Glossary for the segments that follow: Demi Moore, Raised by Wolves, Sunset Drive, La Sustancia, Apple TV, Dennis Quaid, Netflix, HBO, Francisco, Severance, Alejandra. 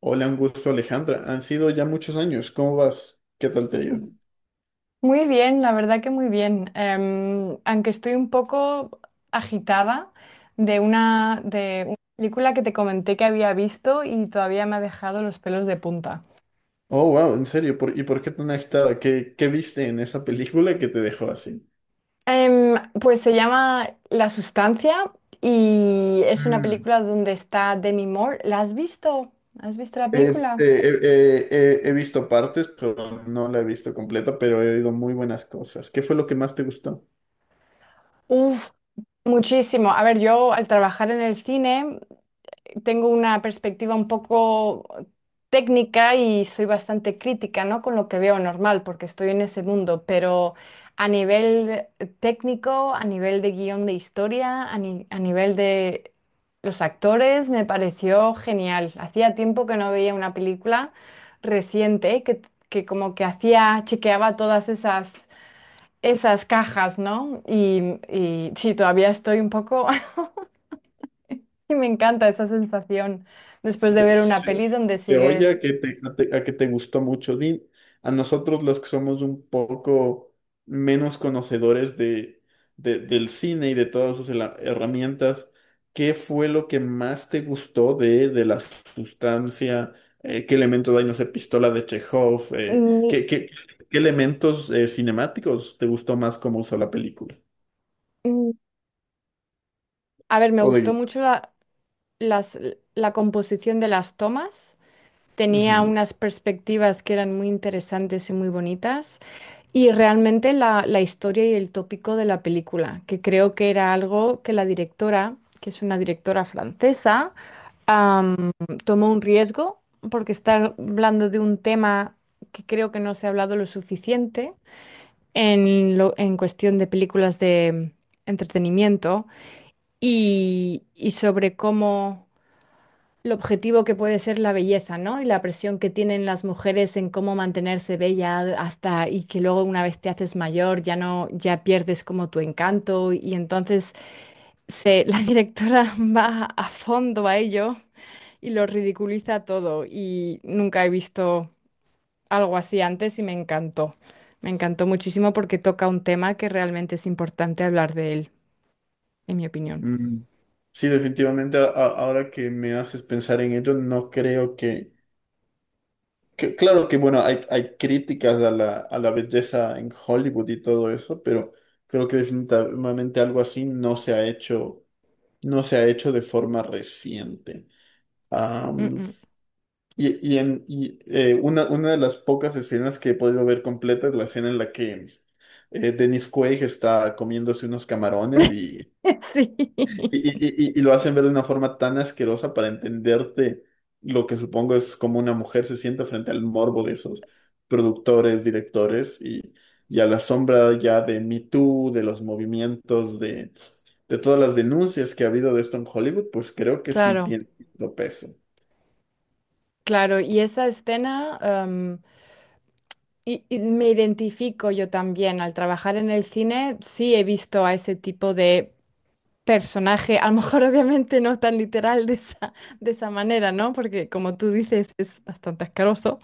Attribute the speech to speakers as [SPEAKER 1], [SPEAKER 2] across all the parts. [SPEAKER 1] Hola, un gusto, Alejandra. Han sido ya muchos años. ¿Cómo vas? ¿Qué tal te ha ido?
[SPEAKER 2] Muy bien, la verdad que muy bien. Aunque estoy un poco agitada de una película que te comenté que había visto y todavía me ha dejado los pelos de punta.
[SPEAKER 1] Oh, wow, ¿en serio? ¿Y por qué tan agitada? ¿Qué viste en esa película que te dejó así?
[SPEAKER 2] Em, pues se llama La Sustancia y es una
[SPEAKER 1] Mm.
[SPEAKER 2] película donde está Demi Moore. ¿La has visto? ¿Has visto la película?
[SPEAKER 1] He visto partes, pero no la he visto completa, pero he oído muy buenas cosas. ¿Qué fue lo que más te gustó?
[SPEAKER 2] Uf, muchísimo. A ver, yo al trabajar en el cine tengo una perspectiva un poco técnica y soy bastante crítica, ¿no? Con lo que veo normal, porque estoy en ese mundo, pero a nivel técnico, a nivel de guión de historia, a, ni- a nivel de los actores, me pareció genial. Hacía tiempo que no veía una película reciente que como que hacía, chequeaba todas esas... esas cajas, ¿no? Y sí, todavía estoy un poco y me encanta esa sensación después de
[SPEAKER 1] De-
[SPEAKER 2] ver una
[SPEAKER 1] Se,
[SPEAKER 2] peli donde
[SPEAKER 1] se oye a
[SPEAKER 2] sigues.
[SPEAKER 1] que te, a te- a que te gustó mucho. A nosotros los que somos un poco menos conocedores del cine y de todas sus herramientas, ¿qué fue lo que más te gustó de la sustancia? ¿Qué elementos hay? No sé, pistola de Chekhov.
[SPEAKER 2] Mm,
[SPEAKER 1] ¿Qué elementos cinemáticos te gustó más cómo usó la película?
[SPEAKER 2] mm, a ver, me
[SPEAKER 1] O de
[SPEAKER 2] gustó
[SPEAKER 1] guion.
[SPEAKER 2] mucho las- la composición de las tomas. Tenía
[SPEAKER 1] Ujú.
[SPEAKER 2] unas perspectivas que eran muy interesantes y muy bonitas. Y realmente la historia y el tópico de la película, que creo que era algo que la directora, que es una directora francesa, am, tomó un riesgo porque está hablando de un tema que creo que no se ha hablado lo suficiente en, en cuestión de películas de entretenimiento y sobre cómo lo objetivo que puede ser la belleza, ¿no? Y la presión que tienen las mujeres en cómo mantenerse bella hasta y que luego una vez te haces mayor ya no, ya pierdes como tu encanto y entonces la directora va a fondo a ello y lo ridiculiza todo y nunca he visto algo así antes y me encantó. Me encantó muchísimo porque toca un tema que realmente es importante hablar de él, en mi opinión.
[SPEAKER 1] Mm. Sí, definitivamente, ahora que me haces pensar en ello, no creo que- claro que, bueno, hay críticas a a la belleza en Hollywood y todo eso, pero creo que definitivamente algo así no se ha hecho, no se ha hecho de forma reciente.
[SPEAKER 2] Mm,
[SPEAKER 1] Am,
[SPEAKER 2] mm.
[SPEAKER 1] una de las pocas escenas que he podido ver completa es la escena en la que Dennis Quaid está comiéndose unos camarones.
[SPEAKER 2] Sí,
[SPEAKER 1] Y lo hacen ver de una forma tan asquerosa para entenderte lo que supongo es como una mujer se siente frente al morbo de esos productores, directores, y a la sombra ya de Me Too, de los movimientos, de todas las denuncias que ha habido de esto en Hollywood, pues creo que sí
[SPEAKER 2] claro,
[SPEAKER 1] tiene cierto peso.
[SPEAKER 2] claro. Y esa escena, y me identifico yo también. Al trabajar en el cine, sí he visto a ese tipo de personaje, a lo mejor obviamente no tan literal de de esa manera, ¿no? Porque como tú dices, es bastante asqueroso.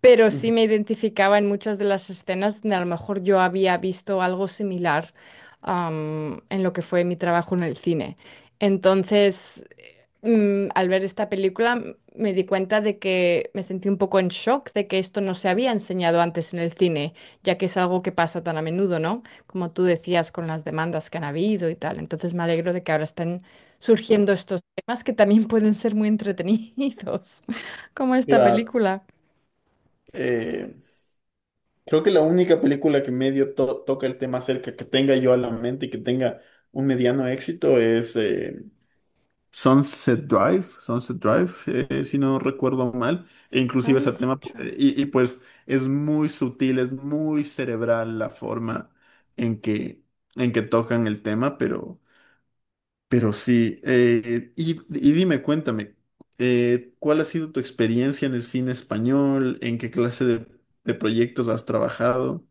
[SPEAKER 2] Pero
[SPEAKER 1] Ujú.
[SPEAKER 2] sí me identificaba en muchas de las escenas donde a lo mejor yo había visto algo similar, en lo que fue mi trabajo en el cine. Entonces, al ver esta película, me di cuenta de que me sentí un poco en shock de que esto no se había enseñado antes en el cine, ya que es algo que pasa tan a menudo, ¿no? Como tú decías, con las demandas que han habido y tal. Entonces, me alegro de que ahora estén surgiendo estos temas que también pueden ser muy entretenidos, como esta
[SPEAKER 1] Claro.
[SPEAKER 2] película.
[SPEAKER 1] eh, Creo que la única película que medio toca el tema cerca, que tenga yo a la mente y que tenga un mediano éxito es Sunset Drive, Sunset Drive, si no recuerdo mal, e inclusive ese
[SPEAKER 2] Sunset
[SPEAKER 1] tema,
[SPEAKER 2] Drive.
[SPEAKER 1] y pues es muy sutil, es muy cerebral la forma en que, en que tocan el tema, pero sí, y dime, cuéntame, ¿cuál ha sido tu experiencia en el cine español? ¿En qué clase de proyectos has trabajado?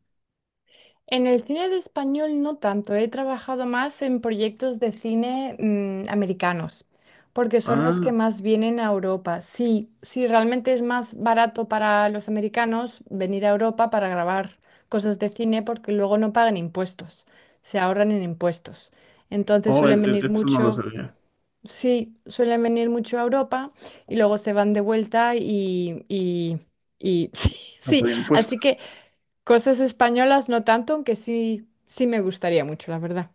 [SPEAKER 2] En el cine de español no tanto, he trabajado más en proyectos de cine americanos, porque son los que
[SPEAKER 1] Ah,
[SPEAKER 2] más vienen a Europa. Sí, sí, realmente es más barato para los americanos venir a Europa para grabar cosas de cine porque luego no pagan impuestos, se ahorran en impuestos. Entonces
[SPEAKER 1] oh,
[SPEAKER 2] suelen venir
[SPEAKER 1] eso no lo
[SPEAKER 2] mucho,
[SPEAKER 1] sabía.
[SPEAKER 2] sí, suelen venir mucho a Europa y luego se van de vuelta y sí,
[SPEAKER 1] No
[SPEAKER 2] sí.
[SPEAKER 1] pagué el impuesto.
[SPEAKER 2] Así que... cosas españolas no tanto, aunque sí, sí me gustaría mucho, la verdad.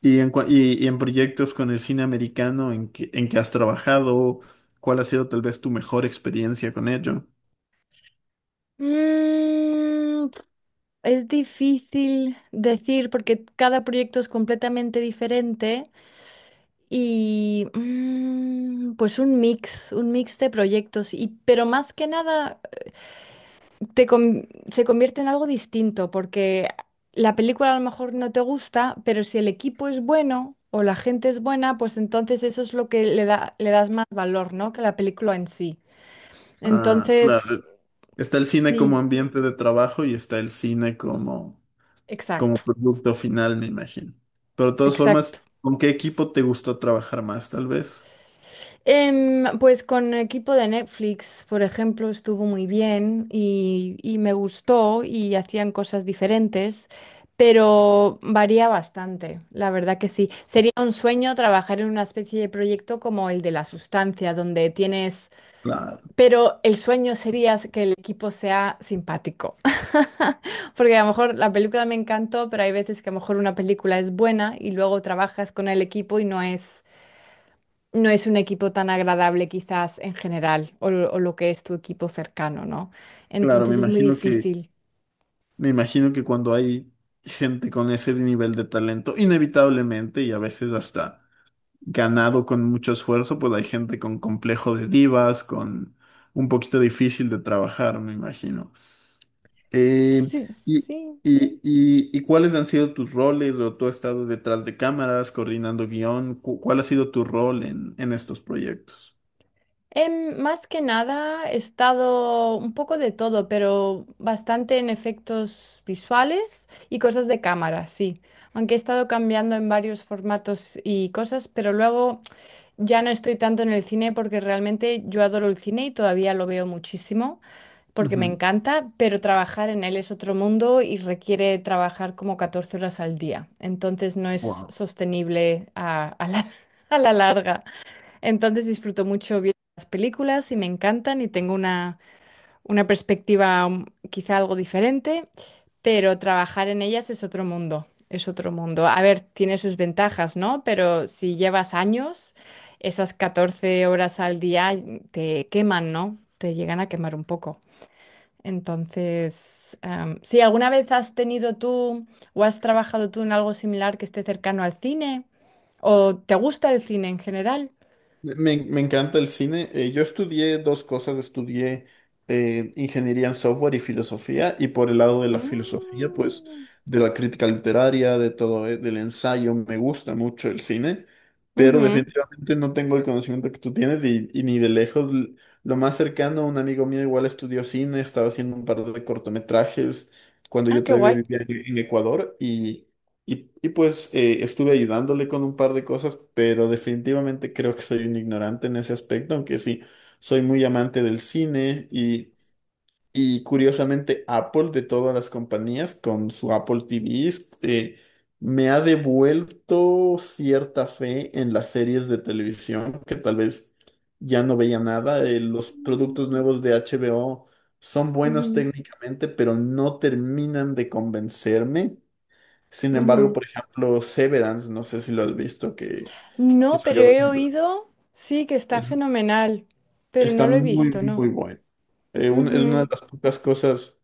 [SPEAKER 1] Y en proyectos con el cine americano en que has trabajado, ¿cuál ha sido tal vez tu mejor experiencia con ello?
[SPEAKER 2] Mm, es difícil decir porque cada proyecto es completamente diferente y pues un mix de proyectos y pero más que nada se convierte en algo distinto porque la película a lo mejor no te gusta, pero si el equipo es bueno o la gente es buena, pues entonces eso es lo que le da, le das más valor, ¿no? Que la película en sí.
[SPEAKER 1] Ah,
[SPEAKER 2] Entonces,
[SPEAKER 1] claro. Está el cine como
[SPEAKER 2] sí,
[SPEAKER 1] ambiente de trabajo y está el cine como, como
[SPEAKER 2] exacto,
[SPEAKER 1] producto final, me imagino. Pero de todas
[SPEAKER 2] exacto.
[SPEAKER 1] formas, ¿con qué equipo te gustó trabajar más, tal vez?
[SPEAKER 2] Pues con equipo de Netflix, por ejemplo, estuvo muy bien y me gustó y hacían cosas diferentes, pero varía bastante, la verdad que sí. Sería un sueño trabajar en una especie de proyecto como el de La Sustancia, donde tienes,
[SPEAKER 1] Claro,
[SPEAKER 2] pero el sueño sería que el equipo sea simpático. Porque a lo mejor la película me encantó, pero hay veces que a lo mejor una película es buena y luego trabajas con el equipo y no no es un equipo tan agradable quizás en general o lo que es tu equipo cercano, ¿no?
[SPEAKER 1] claro,
[SPEAKER 2] Entonces es muy difícil.
[SPEAKER 1] me imagino que cuando hay gente con ese nivel de talento, inevitablemente y a veces hasta ganado con mucho esfuerzo, pues hay gente con complejo de divas, con un poquito difícil de trabajar, me imagino. Eh,
[SPEAKER 2] Sí,
[SPEAKER 1] y,
[SPEAKER 2] sí.
[SPEAKER 1] ¿Y cuáles han sido tus roles? ¿O tú has estado detrás de cámaras, coordinando guión? ¿Cuál ha sido tu rol en estos proyectos?
[SPEAKER 2] Más que nada he estado un poco de todo, pero bastante en efectos visuales y cosas de cámara, sí. Aunque he estado cambiando en varios formatos y cosas, pero luego... ya no estoy tanto en el cine porque realmente yo adoro el cine y todavía lo veo muchísimo porque me
[SPEAKER 1] Ujú.
[SPEAKER 2] encanta, pero trabajar en él es otro mundo y requiere trabajar como 14 horas al día. Entonces no es
[SPEAKER 1] Wow.
[SPEAKER 2] sostenible a la larga. Entonces disfruto mucho viendo las películas y me encantan y tengo una perspectiva quizá algo diferente pero trabajar en ellas es otro mundo, es otro mundo. A ver, tiene sus ventajas, ¿no? Pero si llevas años, esas 14 horas al día te queman, ¿no? Te llegan a quemar un poco. Entonces, si alguna vez has tenido tú o has trabajado tú en algo similar que esté cercano al cine o te gusta el cine en general.
[SPEAKER 1] Me encanta el cine. Yo estudié dos cosas. Estudié ingeniería en software y filosofía. Y por el lado de la filosofía, pues,
[SPEAKER 2] Mm,
[SPEAKER 1] de la crítica literaria, de todo, del ensayo, me gusta mucho el cine. Pero
[SPEAKER 2] ujú.
[SPEAKER 1] definitivamente no tengo el conocimiento que tú tienes y ni de lejos. Lo más cercano, un amigo mío igual estudió cine, estaba haciendo un par de cortometrajes cuando
[SPEAKER 2] Ah,
[SPEAKER 1] yo
[SPEAKER 2] qué
[SPEAKER 1] todavía
[SPEAKER 2] guay.
[SPEAKER 1] vivía en Ecuador. Y, Y pues estuve ayudándole con un par de cosas, pero definitivamente creo que soy un ignorante en ese aspecto, aunque sí, soy muy amante del cine y curiosamente Apple de todas las compañías con su Apple TV eh, me ha devuelto cierta fe en las series de televisión que tal vez ya no veía nada. Los productos
[SPEAKER 2] Mm,
[SPEAKER 1] nuevos de HBO son buenos
[SPEAKER 2] ujú,
[SPEAKER 1] técnicamente, pero no terminan de convencerme. Sin embargo,
[SPEAKER 2] ujú.
[SPEAKER 1] por ejemplo, Severance, no sé si lo has visto, que
[SPEAKER 2] No, pero
[SPEAKER 1] salió
[SPEAKER 2] he
[SPEAKER 1] recién.
[SPEAKER 2] oído, sí, que está
[SPEAKER 1] Es-
[SPEAKER 2] fenomenal, pero
[SPEAKER 1] Está
[SPEAKER 2] no lo he
[SPEAKER 1] muy,
[SPEAKER 2] visto, no.
[SPEAKER 1] muy bueno. Es una de
[SPEAKER 2] Ujú.
[SPEAKER 1] las pocas cosas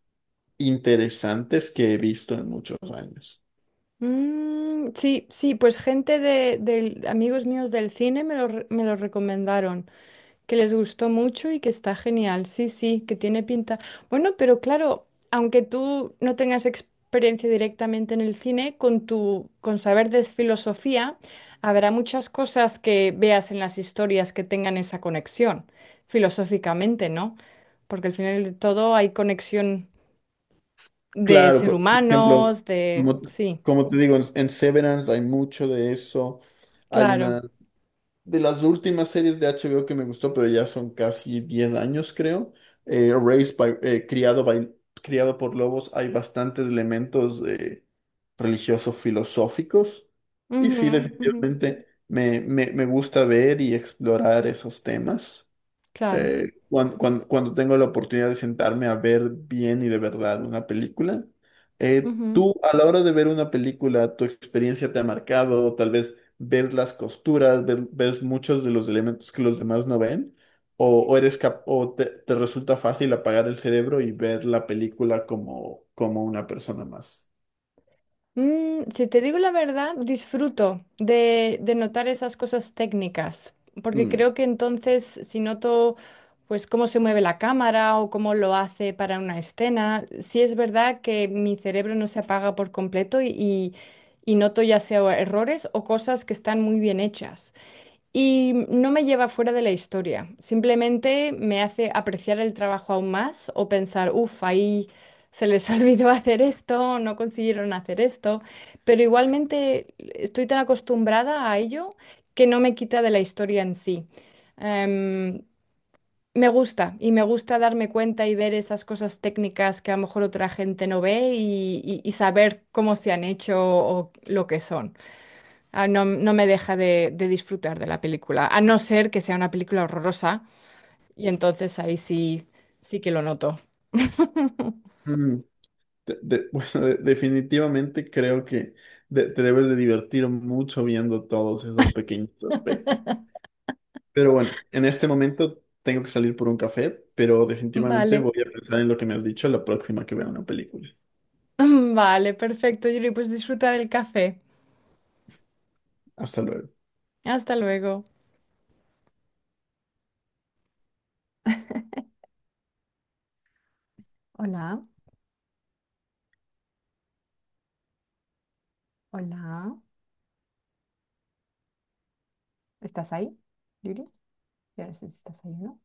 [SPEAKER 1] interesantes que he visto en muchos años.
[SPEAKER 2] Mm, sí, sí, pues gente amigos míos del cine me me lo recomendaron. Que les gustó mucho y que está genial. Sí, sí, que tiene pinta. Bueno, pero claro, aunque tú no tengas experiencia directamente en el cine, con con saber de filosofía, habrá muchas cosas que veas en las historias que tengan esa conexión, filosóficamente, ¿no? Porque al final de todo hay conexión de
[SPEAKER 1] Claro,
[SPEAKER 2] ser
[SPEAKER 1] por ejemplo,
[SPEAKER 2] humanos, de...
[SPEAKER 1] como,
[SPEAKER 2] sí,
[SPEAKER 1] como te digo, en Severance hay mucho de eso. Hay
[SPEAKER 2] claro.
[SPEAKER 1] una. De las últimas series de HBO que me gustó, pero ya son casi 10 años, creo. Raised by- criado, by- criado por lobos, hay bastantes elementos religiosos, filosóficos. Y
[SPEAKER 2] Ujú,
[SPEAKER 1] sí,
[SPEAKER 2] ujú,
[SPEAKER 1] definitivamente me gusta ver y explorar esos temas.
[SPEAKER 2] claro.
[SPEAKER 1] Cuando tengo la oportunidad de sentarme a ver bien y de verdad una película,
[SPEAKER 2] Ujú.
[SPEAKER 1] tú a la hora de ver una película, tu experiencia te ha marcado, tal vez ver las costuras, ves muchos de los elementos que los demás no ven, o eres te resulta fácil apagar el cerebro y ver la película como, como una persona más.
[SPEAKER 2] Mm, si te digo la verdad, disfruto de notar esas cosas técnicas, porque
[SPEAKER 1] Mm.
[SPEAKER 2] creo que entonces si noto pues cómo se mueve la cámara o cómo lo hace para una escena, sí es verdad que mi cerebro no se apaga por completo y y noto ya sea errores o cosas que están muy bien hechas. Y no me lleva fuera de la historia, simplemente me hace apreciar el trabajo aún más o pensar, uff, ahí se les olvidó hacer esto, no consiguieron hacer esto, pero igualmente estoy tan acostumbrada a ello que no me quita de la historia en sí. Em, Me gusta y me gusta darme cuenta y ver esas cosas técnicas que a lo mejor otra gente no ve y saber cómo se han hecho o lo que son. Ah, no, no me deja de disfrutar de la película, a no ser que sea una película horrorosa, y entonces ahí sí, sí que lo noto.
[SPEAKER 1] Mm, bueno, definitivamente creo que te debes de divertir mucho viendo todos esos pequeños aspectos. Pero bueno, en este momento tengo que salir por un café, pero definitivamente
[SPEAKER 2] Vale,
[SPEAKER 1] voy a pensar en lo que me has dicho la próxima que vea una película.
[SPEAKER 2] vale, perfecto, Yuri, pues disfruta del café.
[SPEAKER 1] Hasta luego.
[SPEAKER 2] Hasta luego. Hola, hola. ¿Estás ahí, Yuri? Yo no sé si estás ahí o no.